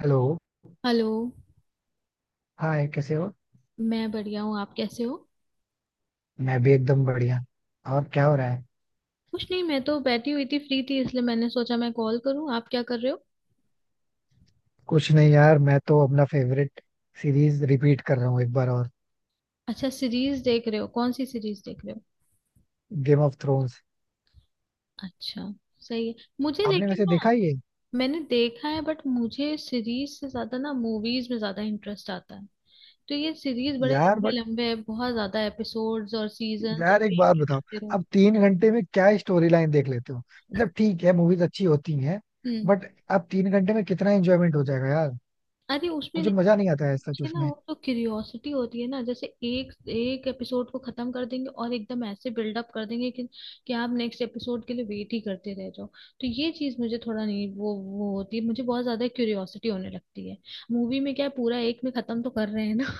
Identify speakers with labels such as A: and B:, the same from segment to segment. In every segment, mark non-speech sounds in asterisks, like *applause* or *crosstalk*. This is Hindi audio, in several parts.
A: हेलो।
B: हेलो।
A: हाय, कैसे हो?
B: मैं बढ़िया हूँ, आप कैसे हो?
A: मैं भी एकदम बढ़िया। और क्या हो रहा है?
B: कुछ नहीं, मैं तो बैठी हुई थी, फ्री थी इसलिए मैंने सोचा मैं कॉल करूँ। आप क्या कर रहे हो?
A: कुछ नहीं यार, मैं तो अपना फेवरेट सीरीज रिपीट कर रहा हूँ एक बार और।
B: अच्छा, सीरीज देख रहे हो? कौन सी सीरीज देख रहे हो?
A: Game of Thrones.
B: अच्छा। सही है। मुझे
A: आपने
B: लेकिन
A: वैसे
B: ना,
A: देखा ही है।
B: मैंने देखा है बट मुझे सीरीज से ज्यादा ना मूवीज में ज्यादा इंटरेस्ट आता है। तो ये सीरीज बड़े
A: यार
B: लंबे
A: बट,
B: लंबे है, बहुत ज्यादा एपिसोड्स और सीजन, और
A: यार एक
B: वेट
A: बात
B: ही
A: बताओ।
B: करते रहो।
A: अब 3 घंटे में क्या स्टोरी लाइन देख लेते हो? मतलब ठीक है, मूवीज अच्छी होती हैं।
B: हम्म।
A: बट अब 3 घंटे में कितना एंजॉयमेंट हो जाएगा यार?
B: अरे उसमें
A: मुझे मजा नहीं आता है सच
B: ये ना,
A: उसमें।
B: वो तो क्यूरियोसिटी होती है ना, जैसे एक एक एपिसोड को खत्म कर देंगे और एकदम ऐसे बिल्डअप कर देंगे कि आप नेक्स्ट एपिसोड के लिए वेट ही करते रह जाओ। तो ये चीज मुझे थोड़ा नहीं वो होती है, मुझे बहुत ज्यादा क्यूरियोसिटी होने लगती है। मूवी में क्या है, पूरा एक में खत्म तो कर रहे हैं ना।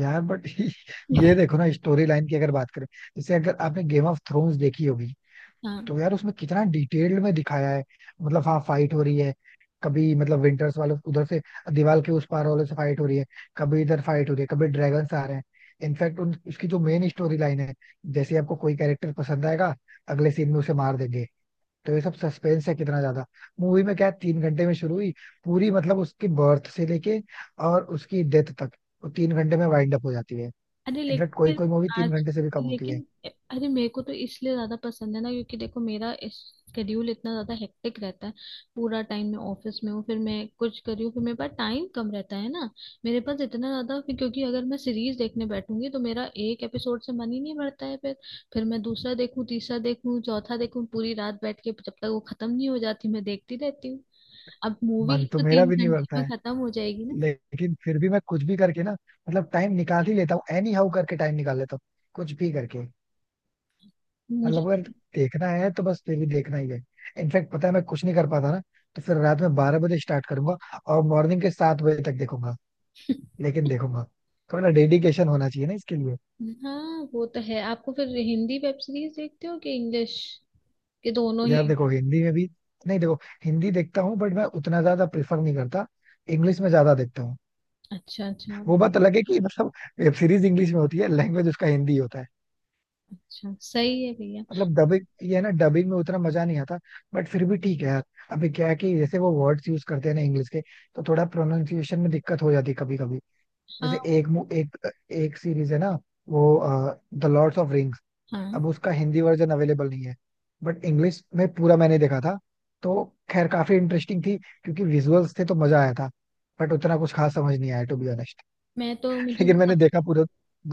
A: यार बट, *laughs* ये देखो ना, स्टोरी लाइन की अगर बात करें। जैसे अगर आपने गेम ऑफ थ्रोन्स देखी होगी
B: *laughs* हाँ।
A: तो यार, उसमें कितना डिटेल्ड में दिखाया है। मतलब हाँ, फाइट हो रही है। कभी मतलब विंटर्स वाले उधर से, दीवार के उस पार वाले से फाइट हो रही है। कभी इधर फाइट हो रही है, कभी ड्रैगन आ रहे हैं। इनफैक्ट उन उसकी जो मेन स्टोरी लाइन है। जैसे आपको कोई कैरेक्टर पसंद आएगा, अगले सीन में उसे मार देंगे। तो ये सब सस्पेंस है कितना ज्यादा। मूवी में क्या है, 3 घंटे में शुरू हुई पूरी, मतलब उसकी बर्थ से लेके और उसकी डेथ तक वो 3 घंटे में वाइंड अप हो जाती है।
B: अरे लेकिन
A: इनफैक्ट कोई
B: फिर
A: कोई मूवी तीन
B: आज
A: घंटे से भी कम होती है।
B: लेकिन अरे, मेरे को तो इसलिए ज्यादा पसंद है ना क्योंकि देखो मेरा स्केड्यूल इतना ज्यादा हेक्टिक रहता है। पूरा टाइम मैं ऑफिस में हूँ, फिर मैं कुछ कर रही हूँ, फिर मेरे पास टाइम कम रहता है ना। मेरे पास इतना ज्यादा फिर क्योंकि अगर मैं सीरीज देखने बैठूंगी तो मेरा एक एपिसोड से मन ही नहीं भरता है फिर। फिर मैं दूसरा देखूँ तीसरा देखूँ चौथा देखूँ, पूरी रात बैठ के जब तक वो खत्म नहीं हो जाती मैं देखती रहती हूँ। अब मूवी
A: मन तो
B: तो
A: मेरा
B: तीन
A: भी नहीं
B: घंटे
A: भरता
B: में
A: है,
B: खत्म हो जाएगी ना।
A: लेकिन फिर भी मैं कुछ भी करके ना, मतलब टाइम निकाल ही लेता हूँ। एनी हाउ करके टाइम निकाल लेता हूँ कुछ भी करके।
B: मुझे
A: मतलब अगर
B: तो
A: देखना है तो बस फिर भी देखना ही है। इनफैक्ट पता है, मैं कुछ नहीं कर पाता ना, तो फिर रात में 12 बजे स्टार्ट करूंगा और मॉर्निंग के 7 बजे तक देखूंगा, लेकिन देखूंगा। थोड़ा डेडिकेशन होना चाहिए ना इसके लिए।
B: हाँ, वो तो है। आपको फिर हिंदी वेब सीरीज देखते हो कि इंग्लिश के? दोनों
A: यार
B: ही?
A: देखो हिंदी में भी, नहीं देखो, हिंदी देखता हूँ बट मैं उतना ज्यादा प्रेफर नहीं करता, इंग्लिश में ज्यादा देखता हूँ।
B: अच्छा अच्छा।
A: वो बात अलग है कि मतलब वेब सीरीज इंग्लिश में होती है, लैंग्वेज उसका हिंदी होता है।
B: अच्छा सही है भैया।
A: मतलब डबिंग, ये है ना, डबिंग में उतना मजा नहीं आता, बट फिर भी ठीक है यार। अभी क्या है कि जैसे वो वर्ड्स यूज करते हैं ना इंग्लिश के, तो थोड़ा प्रोनाउंसिएशन में दिक्कत हो जाती है कभी कभी।
B: हाँ।
A: जैसे एक एक सीरीज है ना। वो द लॉर्ड्स ऑफ रिंग्स।
B: हाँ।
A: अब उसका हिंदी वर्जन अवेलेबल नहीं है, बट इंग्लिश में पूरा मैंने देखा था। तो खैर काफी इंटरेस्टिंग थी, क्योंकि विजुअल्स थे तो मजा आया था। बट उतना कुछ खास समझ नहीं आया, टू बी ऑनेस्ट।
B: मैं तो मुझे
A: लेकिन
B: तो
A: मैंने देखा
B: सबसे
A: पूरा,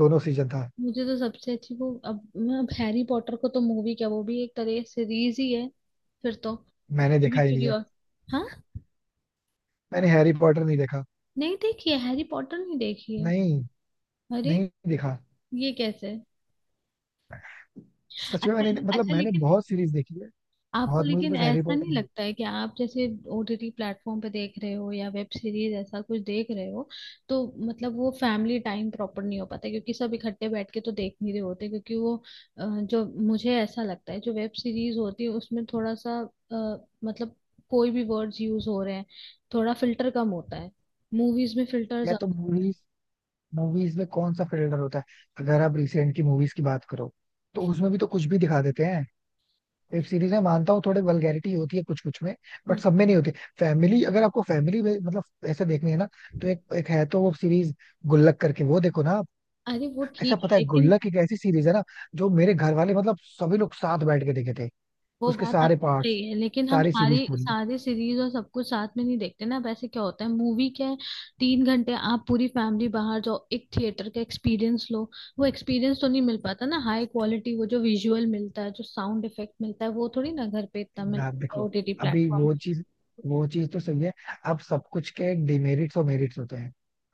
A: दोनों सीजन था।
B: मुझे तो सबसे अच्छी वो, अब मैं अब हैरी पॉटर को तो मूवी क्या वो भी एक तरह सीरीज ही है फिर तो।
A: मैंने
B: मुझे भी
A: देखा ही नहीं है।
B: क्यूरियस। हाँ।
A: मैंने हैरी पॉटर नहीं देखा।
B: नहीं देखी है, हैरी पॉटर नहीं देखी है।
A: नहीं,
B: अरे
A: नहीं देखा।
B: ये कैसे?
A: सच में
B: अच्छा
A: मैंने मतलब
B: अच्छा,
A: मैंने
B: लेकिन
A: बहुत सीरीज देखी है।
B: आपको
A: बहुत मूवीज,
B: लेकिन
A: बस हैरी
B: ऐसा
A: पॉटर
B: नहीं
A: नहीं देखी।
B: लगता है कि आप जैसे ओटीटी प्लेटफॉर्म पे देख रहे हो या वेब सीरीज ऐसा कुछ देख रहे हो, तो मतलब वो फैमिली टाइम प्रॉपर नहीं हो पाता क्योंकि सब इकट्ठे बैठ के तो देख नहीं रहे होते क्योंकि वो जो मुझे ऐसा लगता है जो वेब सीरीज होती है उसमें थोड़ा सा मतलब कोई भी वर्ड्स यूज हो रहे हैं, थोड़ा फिल्टर कम होता है, मूवीज में फिल्टर
A: या
B: ज्यादा।
A: तो मूवीज मूवीज में कौन सा फिल्टर होता है? अगर आप रिसेंट की मूवीज की बात करो, तो उसमें भी तो कुछ भी दिखा देते हैं। वेब सीरीज में मानता हूँ थोड़े वल्गैरिटी होती है कुछ कुछ में, बट सब में नहीं होती। फैमिली, अगर आपको फैमिली में मतलब ऐसे देखनी है ना, तो एक एक है तो वो सीरीज गुल्लक करके वो देखो ना आप।
B: अरे वो
A: ऐसा
B: ठीक है
A: पता है,
B: लेकिन।
A: गुल्लक एक ऐसी सीरीज है ना, जो मेरे घर वाले मतलब सभी लोग साथ बैठ के देखे थे।
B: वो
A: उसके
B: बात
A: सारे
B: आपकी
A: पार्ट्स,
B: सही है लेकिन हम
A: सारी सीरीज
B: सारी
A: पूरी।
B: सारी सीरीज और सब कुछ साथ में नहीं देखते ना। वैसे क्या होता है मूवी क्या है, 3 घंटे आप पूरी फैमिली बाहर जाओ, एक थिएटर का एक्सपीरियंस लो। वो एक्सपीरियंस तो नहीं मिल पाता ना, हाई क्वालिटी वो जो विजुअल मिलता है जो साउंड इफेक्ट मिलता है, वो थोड़ी ना घर पे इतना
A: यार
B: मिलता है
A: देखो,
B: ओटीटी
A: अभी
B: प्लेटफॉर्म।
A: वो चीज तो सही है। अब सब कुछ के डिमेरिट्स और मेरिट्स होते हैं।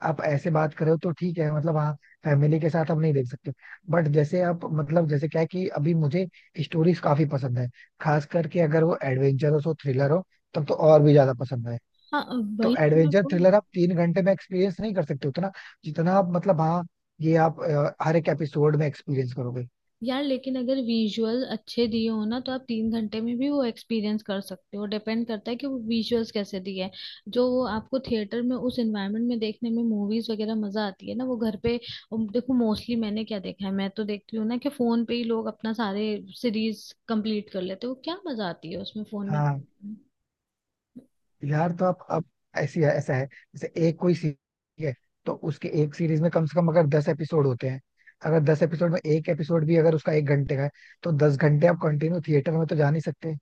A: आप ऐसे बात करो तो ठीक है, मतलब हाँ, फैमिली के साथ हम नहीं देख सकते। बट जैसे आप, मतलब जैसे क्या है कि अभी मुझे स्टोरीज काफी पसंद है, खास करके अगर वो एडवेंचरस हो, थ्रिलर हो, तब तो और भी ज्यादा पसंद है।
B: हाँ,
A: तो
B: वही तो मैं
A: एडवेंचर
B: बोल।
A: थ्रिलर आप तीन घंटे में एक्सपीरियंस नहीं कर सकते उतना, जितना आप, मतलब हाँ, ये आप हर एक एपिसोड में एक्सपीरियंस करोगे।
B: यार लेकिन अगर विजुअल अच्छे दिए हो ना तो आप 3 घंटे में भी वो एक्सपीरियंस कर सकते हो, डिपेंड करता है कि वो विजुअल्स कैसे दिए हैं। जो वो आपको थिएटर में उस एनवायरनमेंट में देखने में मूवीज वगैरह मजा आती है ना वो घर पे। देखो मोस्टली मैंने क्या देखा है, मैं तो देखती हूँ ना कि फोन पे ही लोग अपना सारे सीरीज कंप्लीट कर लेते हैं, वो क्या मजा आती है उसमें फोन में।
A: हाँ, यार तो आप अब, ऐसी है ऐसा है, जैसे एक कोई सीरीज है। तो उसके एक सीरीज में कम से कम अगर 10 एपिसोड होते हैं, अगर दस एपिसोड में एक एपिसोड भी अगर उसका एक घंटे का है, तो 10 घंटे आप कंटिन्यू थिएटर में तो जा नहीं सकते।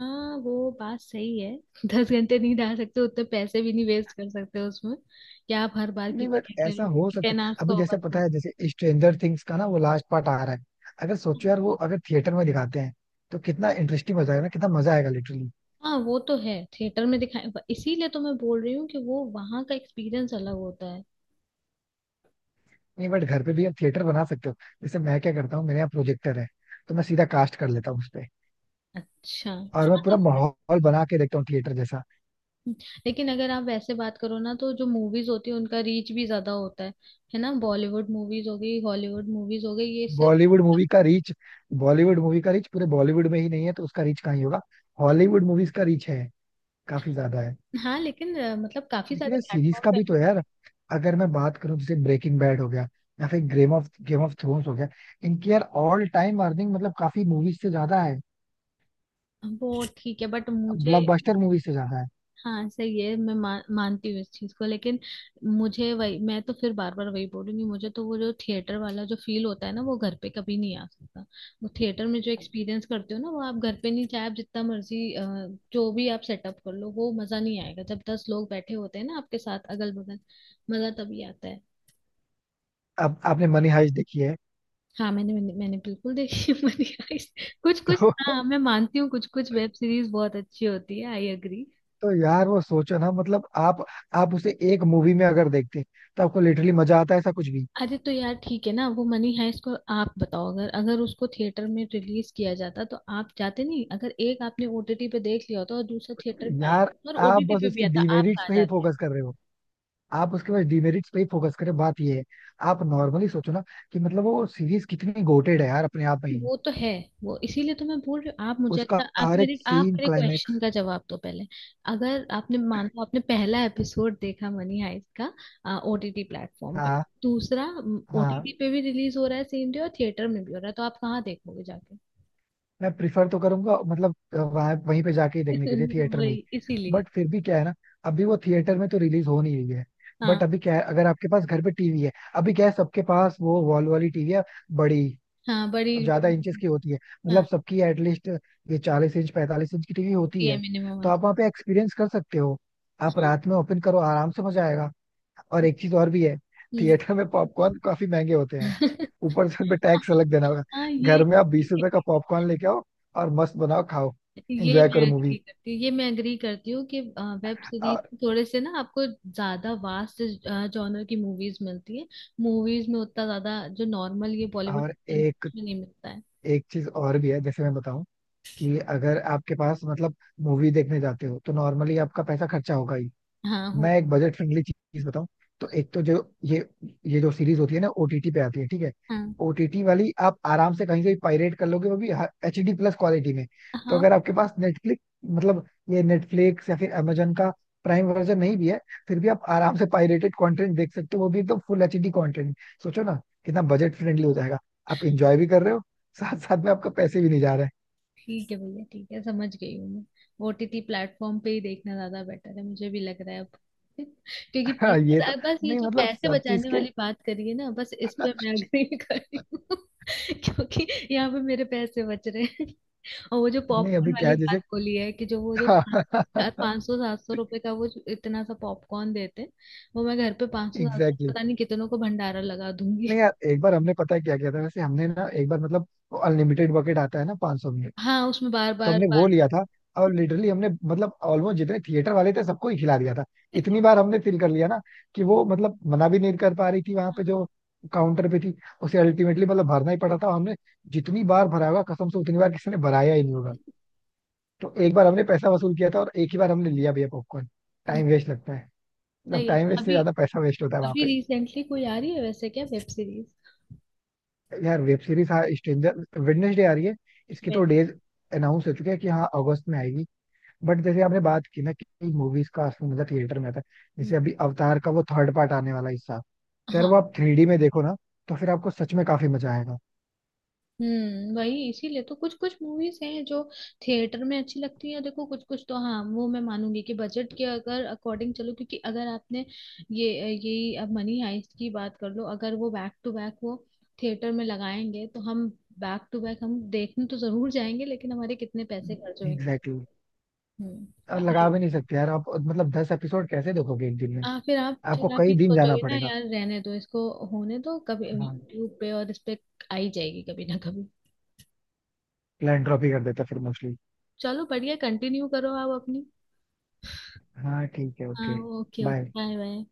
B: हाँ वो बात सही है। *laughs* 10 घंटे नहीं डाल सकते, उतने पैसे भी नहीं वेस्ट कर सकते उसमें। क्या आप हर बार की
A: नहीं बट
B: टिकट ले
A: ऐसा
B: लो
A: हो सकता
B: टेन
A: है,
B: आवर्स का
A: अभी
B: होगा
A: जैसे पता
B: तो।
A: है, जैसे स्ट्रेंजर थिंग्स का ना वो लास्ट पार्ट आ रहा है। अगर सोचो यार, वो अगर थिएटर में दिखाते हैं तो कितना इंटरेस्टिंग हो जाएगा ना, कितना मजा आएगा लिटरली।
B: हाँ वो तो है, थिएटर में दिखाए, इसीलिए तो मैं बोल रही हूँ कि वो वहां का एक्सपीरियंस अलग होता है।
A: नहीं बट घर पे भी आप थिएटर बना सकते हो। जैसे मैं क्या करता हूँ, मेरे यहाँ प्रोजेक्टर है, तो मैं सीधा कास्ट कर लेता हूँ उस पे।
B: अच्छा
A: और मैं
B: हाँ, तो
A: पूरा
B: फिर-
A: माहौल बना के देखता हूँ थिएटर जैसा।
B: लेकिन अगर आप वैसे बात करो ना तो जो मूवीज होती है उनका रीच भी ज्यादा होता है। है ना, बॉलीवुड मूवीज हो गई, हॉलीवुड मूवीज हो गई, ये सब।
A: बॉलीवुड
B: मतलब
A: मूवी का रीच बॉलीवुड मूवी का रीच पूरे बॉलीवुड में ही नहीं है, तो उसका रीच कहाँ ही होगा। हॉलीवुड मूवीज का रीच है, काफी ज्यादा है।
B: हाँ लेकिन मतलब काफी
A: लेकिन
B: सारे
A: ये सीरीज
B: प्लेटफॉर्म
A: का
B: पे।
A: भी तो है यार। अगर मैं बात करूं, जैसे ब्रेकिंग बैड हो गया, या फिर गेम ऑफ थ्रोन्स हो गया। इनकी यार ऑल टाइम अर्निंग मतलब काफी मूवीज से ज्यादा है,
B: वो ठीक है बट मुझे।
A: ब्लॉकबस्टर मूवी से ज्यादा है।
B: हाँ सही है मैं मान मानती हूँ इस चीज को लेकिन मुझे वही, मैं तो फिर बार बार वही बोलूंगी, मुझे तो वो जो थिएटर वाला जो फील होता है ना वो घर पे कभी नहीं आ सकता। वो थिएटर में जो एक्सपीरियंस करते हो ना वो आप घर पे नहीं, चाहे आप जितना मर्जी जो भी आप सेटअप कर लो वो मजा नहीं आएगा, जब 10 लोग बैठे होते हैं ना आपके साथ अगल बगल, मजा तभी आता है।
A: अब आपने मनी हाइस्ट देखी है?
B: हाँ मैंने मैंने, मैंने बिल्कुल देखी है। *laughs* मनी हाइस्ट कुछ कुछ
A: तो
B: हाँ मैं मानती हूँ, कुछ कुछ वेब सीरीज बहुत अच्छी होती है, आई एग्री।
A: तो यार वो सोचो ना, मतलब आप उसे एक मूवी में अगर देखते, तो आपको लिटरली मजा आता है ऐसा कुछ भी।
B: अरे तो यार ठीक है ना, वो मनी हाइस्ट को आप बताओ अगर अगर उसको थिएटर में रिलीज किया जाता तो आप जाते नहीं? अगर एक आपने ओटीटी पे देख लिया होता और दूसरा थिएटर में आया
A: यार
B: होता और
A: आप
B: ओटीटी
A: बस
B: पे भी
A: उसकी
B: आता, आप
A: डिमेरिट्स
B: कहाँ
A: पे ही
B: जाते?
A: फोकस कर रहे हो, आप उसके बाद डिमेरिट्स पे ही फोकस करें, बात ये है। आप नॉर्मली सोचो ना कि मतलब वो सीरीज कितनी गोटेड है यार, अपने आप में ही।
B: वो तो है। वो इसीलिए तो मैं बोल रही हूँ, आप मुझे
A: उसका
B: अच्छा आप
A: हर एक
B: मेरे आप
A: सीन
B: मेरे क्वेश्चन
A: क्लाइमेक्स।
B: का जवाब दो पहले। अगर आपने मान लो आपने पहला एपिसोड देखा मनी हाइस्ट का ओटीटी प्लेटफॉर्म पे,
A: हाँ,
B: दूसरा
A: हाँ,
B: ओटीटी पे भी रिलीज हो रहा है सेम डे और थिएटर में भी हो रहा है, तो आप कहाँ देखोगे जाके?
A: मैं प्रिफर तो करूंगा, मतलब वहां वहीं पे जाके ही देखने के लिए
B: *laughs*
A: थिएटर में।
B: वही इसीलिए।
A: बट फिर भी क्या है ना, अभी वो थिएटर में तो रिलीज हो नहीं रही है। बट
B: हाँ।
A: अभी क्या है, अगर आपके पास घर पे टीवी है, अभी क्या है, सबके पास वो वॉल वाली टीवी है, बड़ी,
B: हाँ बड़ी वो।
A: ज्यादा इंचेस की होती है, मतलब
B: हाँ
A: सबकी एटलीस्ट ये 40 इंच 45 इंच की टीवी होती
B: होती है,
A: है।
B: मिनिमम
A: तो
B: आज।
A: आप वहाँ पे एक्सपीरियंस कर सकते हो, आप
B: हाँ।
A: रात में ओपन करो, आराम से मजा आएगा। और एक चीज और भी है,
B: हम्म।
A: थिएटर में पॉपकॉर्न काफी महंगे होते हैं,
B: *laughs*
A: ऊपर से उनपे टैक्स अलग देना होगा।
B: हाँ ये।
A: घर में आप 20 रुपए का पॉपकॉर्न लेके आओ, और मस्त बनाओ खाओ,
B: ये
A: एंजॉय
B: मैं
A: करो मूवी।
B: एग्री करती हूँ, ये मैं एग्री करती हूँ कि वेब सीरीज
A: और
B: थोड़े से ना आपको ज्यादा वास्ट जॉनर की मूवीज मिलती है, मूवीज में उतना ज्यादा जो नॉर्मल ये बॉलीवुड
A: और
B: में
A: एक
B: नहीं मिलता है।
A: एक चीज और भी है, जैसे मैं बताऊं, कि अगर आपके पास मतलब मूवी देखने जाते हो तो नॉर्मली आपका पैसा खर्चा होगा ही।
B: हाँ हो।
A: मैं एक बजट फ्रेंडली चीज बताऊं, तो एक तो जो, ये ये जो सीरीज होती है ना ओटीटी पे आती है, ठीक है।
B: हाँ।
A: ओटीटी वाली आप आराम से कहीं से भी पायरेट कर लोगे, वो भी एचडी प्लस क्वालिटी में। तो
B: हाँ
A: अगर आपके पास नेटफ्लिक्स, मतलब ये नेटफ्लिक्स या फिर amazon का प्राइम वर्जन नहीं भी है, फिर भी आप आराम से पायरेटेड कंटेंट देख सकते हो, वो भी एकदम फुल एचडी कंटेंट। सोचो ना, कितना बजट फ्रेंडली हो जाएगा, आप इंजॉय भी कर रहे हो, साथ साथ में आपका पैसे भी नहीं जा रहे हैं।
B: ठीक है भैया, ठीक है, समझ गई हूँ मैं, ओटीटी प्लेटफॉर्म पे ही देखना ज्यादा बेटर है, मुझे भी लग रहा है अब। *laughs* क्योंकि
A: *laughs* हाँ, ये तो,
B: पैसे, बस ये
A: नहीं
B: जो
A: मतलब
B: पैसे
A: सब चीज
B: बचाने
A: के,
B: वाली बात करी है ना, बस इस पे मैं अग्री *laughs* कर रही हूँ *laughs* क्योंकि यहाँ पे मेरे पैसे बच रहे हैं। *laughs* और वो जो
A: नहीं
B: पॉपकॉर्न
A: अभी क्या
B: वाली
A: है, जैसे
B: बात बोली है कि जो वो जो
A: *laughs*
B: 500 700 रुपए का वो जो इतना सा पॉपकॉर्न देते हैं, वो मैं घर पे 500 700
A: एग्जैक्टली।
B: पता नहीं कितनों को भंडारा लगा दूंगी।
A: नहीं यार, एक बार हमने पता है क्या किया था, वैसे हमने ना एक बार, मतलब अनलिमिटेड बकेट आता है ना 500 में,
B: *laughs* हाँ उसमें बार
A: तो
B: बार
A: हमने
B: बार
A: वो लिया
B: बार-
A: था। और लिटरली हमने, मतलब ऑलमोस्ट जितने थिएटर वाले थे सबको ही खिला दिया था। इतनी बार हमने फील कर लिया ना, कि वो मतलब मना भी नहीं कर पा रही थी वहां पे
B: हाँ,
A: जो काउंटर पे थी। उसे अल्टीमेटली मतलब भरना ही पड़ा था, और हमने जितनी बार भरा होगा कसम से, उतनी बार किसी ने भराया ही नहीं होगा। तो एक बार हमने पैसा वसूल किया था, और एक ही बार हमने लिया भी है पॉपकॉर्न। टाइम वेस्ट लगता है, मतलब
B: सही है
A: टाइम
B: तो
A: वेस्ट से
B: अभी,
A: ज्यादा पैसा वेस्ट होता है वहां।
B: अभी रिसेंटली कोई आ रही है वैसे क्या वेब सीरीज?
A: यार वेब सीरीज, हाँ, स्ट्रेंजर वेडनेसडे आ रही है। इसके तो
B: वेब।
A: डेज अनाउंस हो चुके हैं कि हाँ, अगस्त में आएगी। बट जैसे आपने बात की ना, कि मूवीज का असली मजा थिएटर में आता है। जैसे अभी अवतार का वो थर्ड पार्ट आने वाला है इस साल, तो यार
B: हाँ।
A: वो आप 3D में देखो ना, तो फिर आपको सच में काफी मजा आएगा।
B: हम्म, वही इसीलिए तो कुछ कुछ मूवीज हैं जो थिएटर में अच्छी लगती हैं देखो, कुछ कुछ तो हाँ वो मैं मानूंगी कि बजट के अगर अकॉर्डिंग चलो क्योंकि अगर आपने ये यही, अब मनी हाइस्ट की बात कर लो, अगर वो बैक टू बैक वो थिएटर में लगाएंगे तो हम बैक टू बैक हम देखने तो जरूर जाएंगे लेकिन हमारे कितने पैसे खर्च होंगे?
A: Exactly, exactly.
B: हम्म।
A: और लगा भी नहीं सकते यार आप, मतलब 10 एपिसोड कैसे देखोगे एक दिन में।
B: फिर आप
A: आपको
B: ये
A: कई दिन जाना
B: सोचोगे ना
A: पड़ेगा।
B: यार रहने दो इसको, होने दो, कभी
A: हाँ,
B: यूट्यूब पे और इस पे आई जाएगी कभी ना कभी।
A: प्लान ड्रॉप ही कर देता फिर मोस्टली।
B: चलो बढ़िया, कंटिन्यू करो आप अपनी।
A: हाँ ठीक है, ओके,
B: हाँ okay. Okay
A: bye.
B: Bye bye.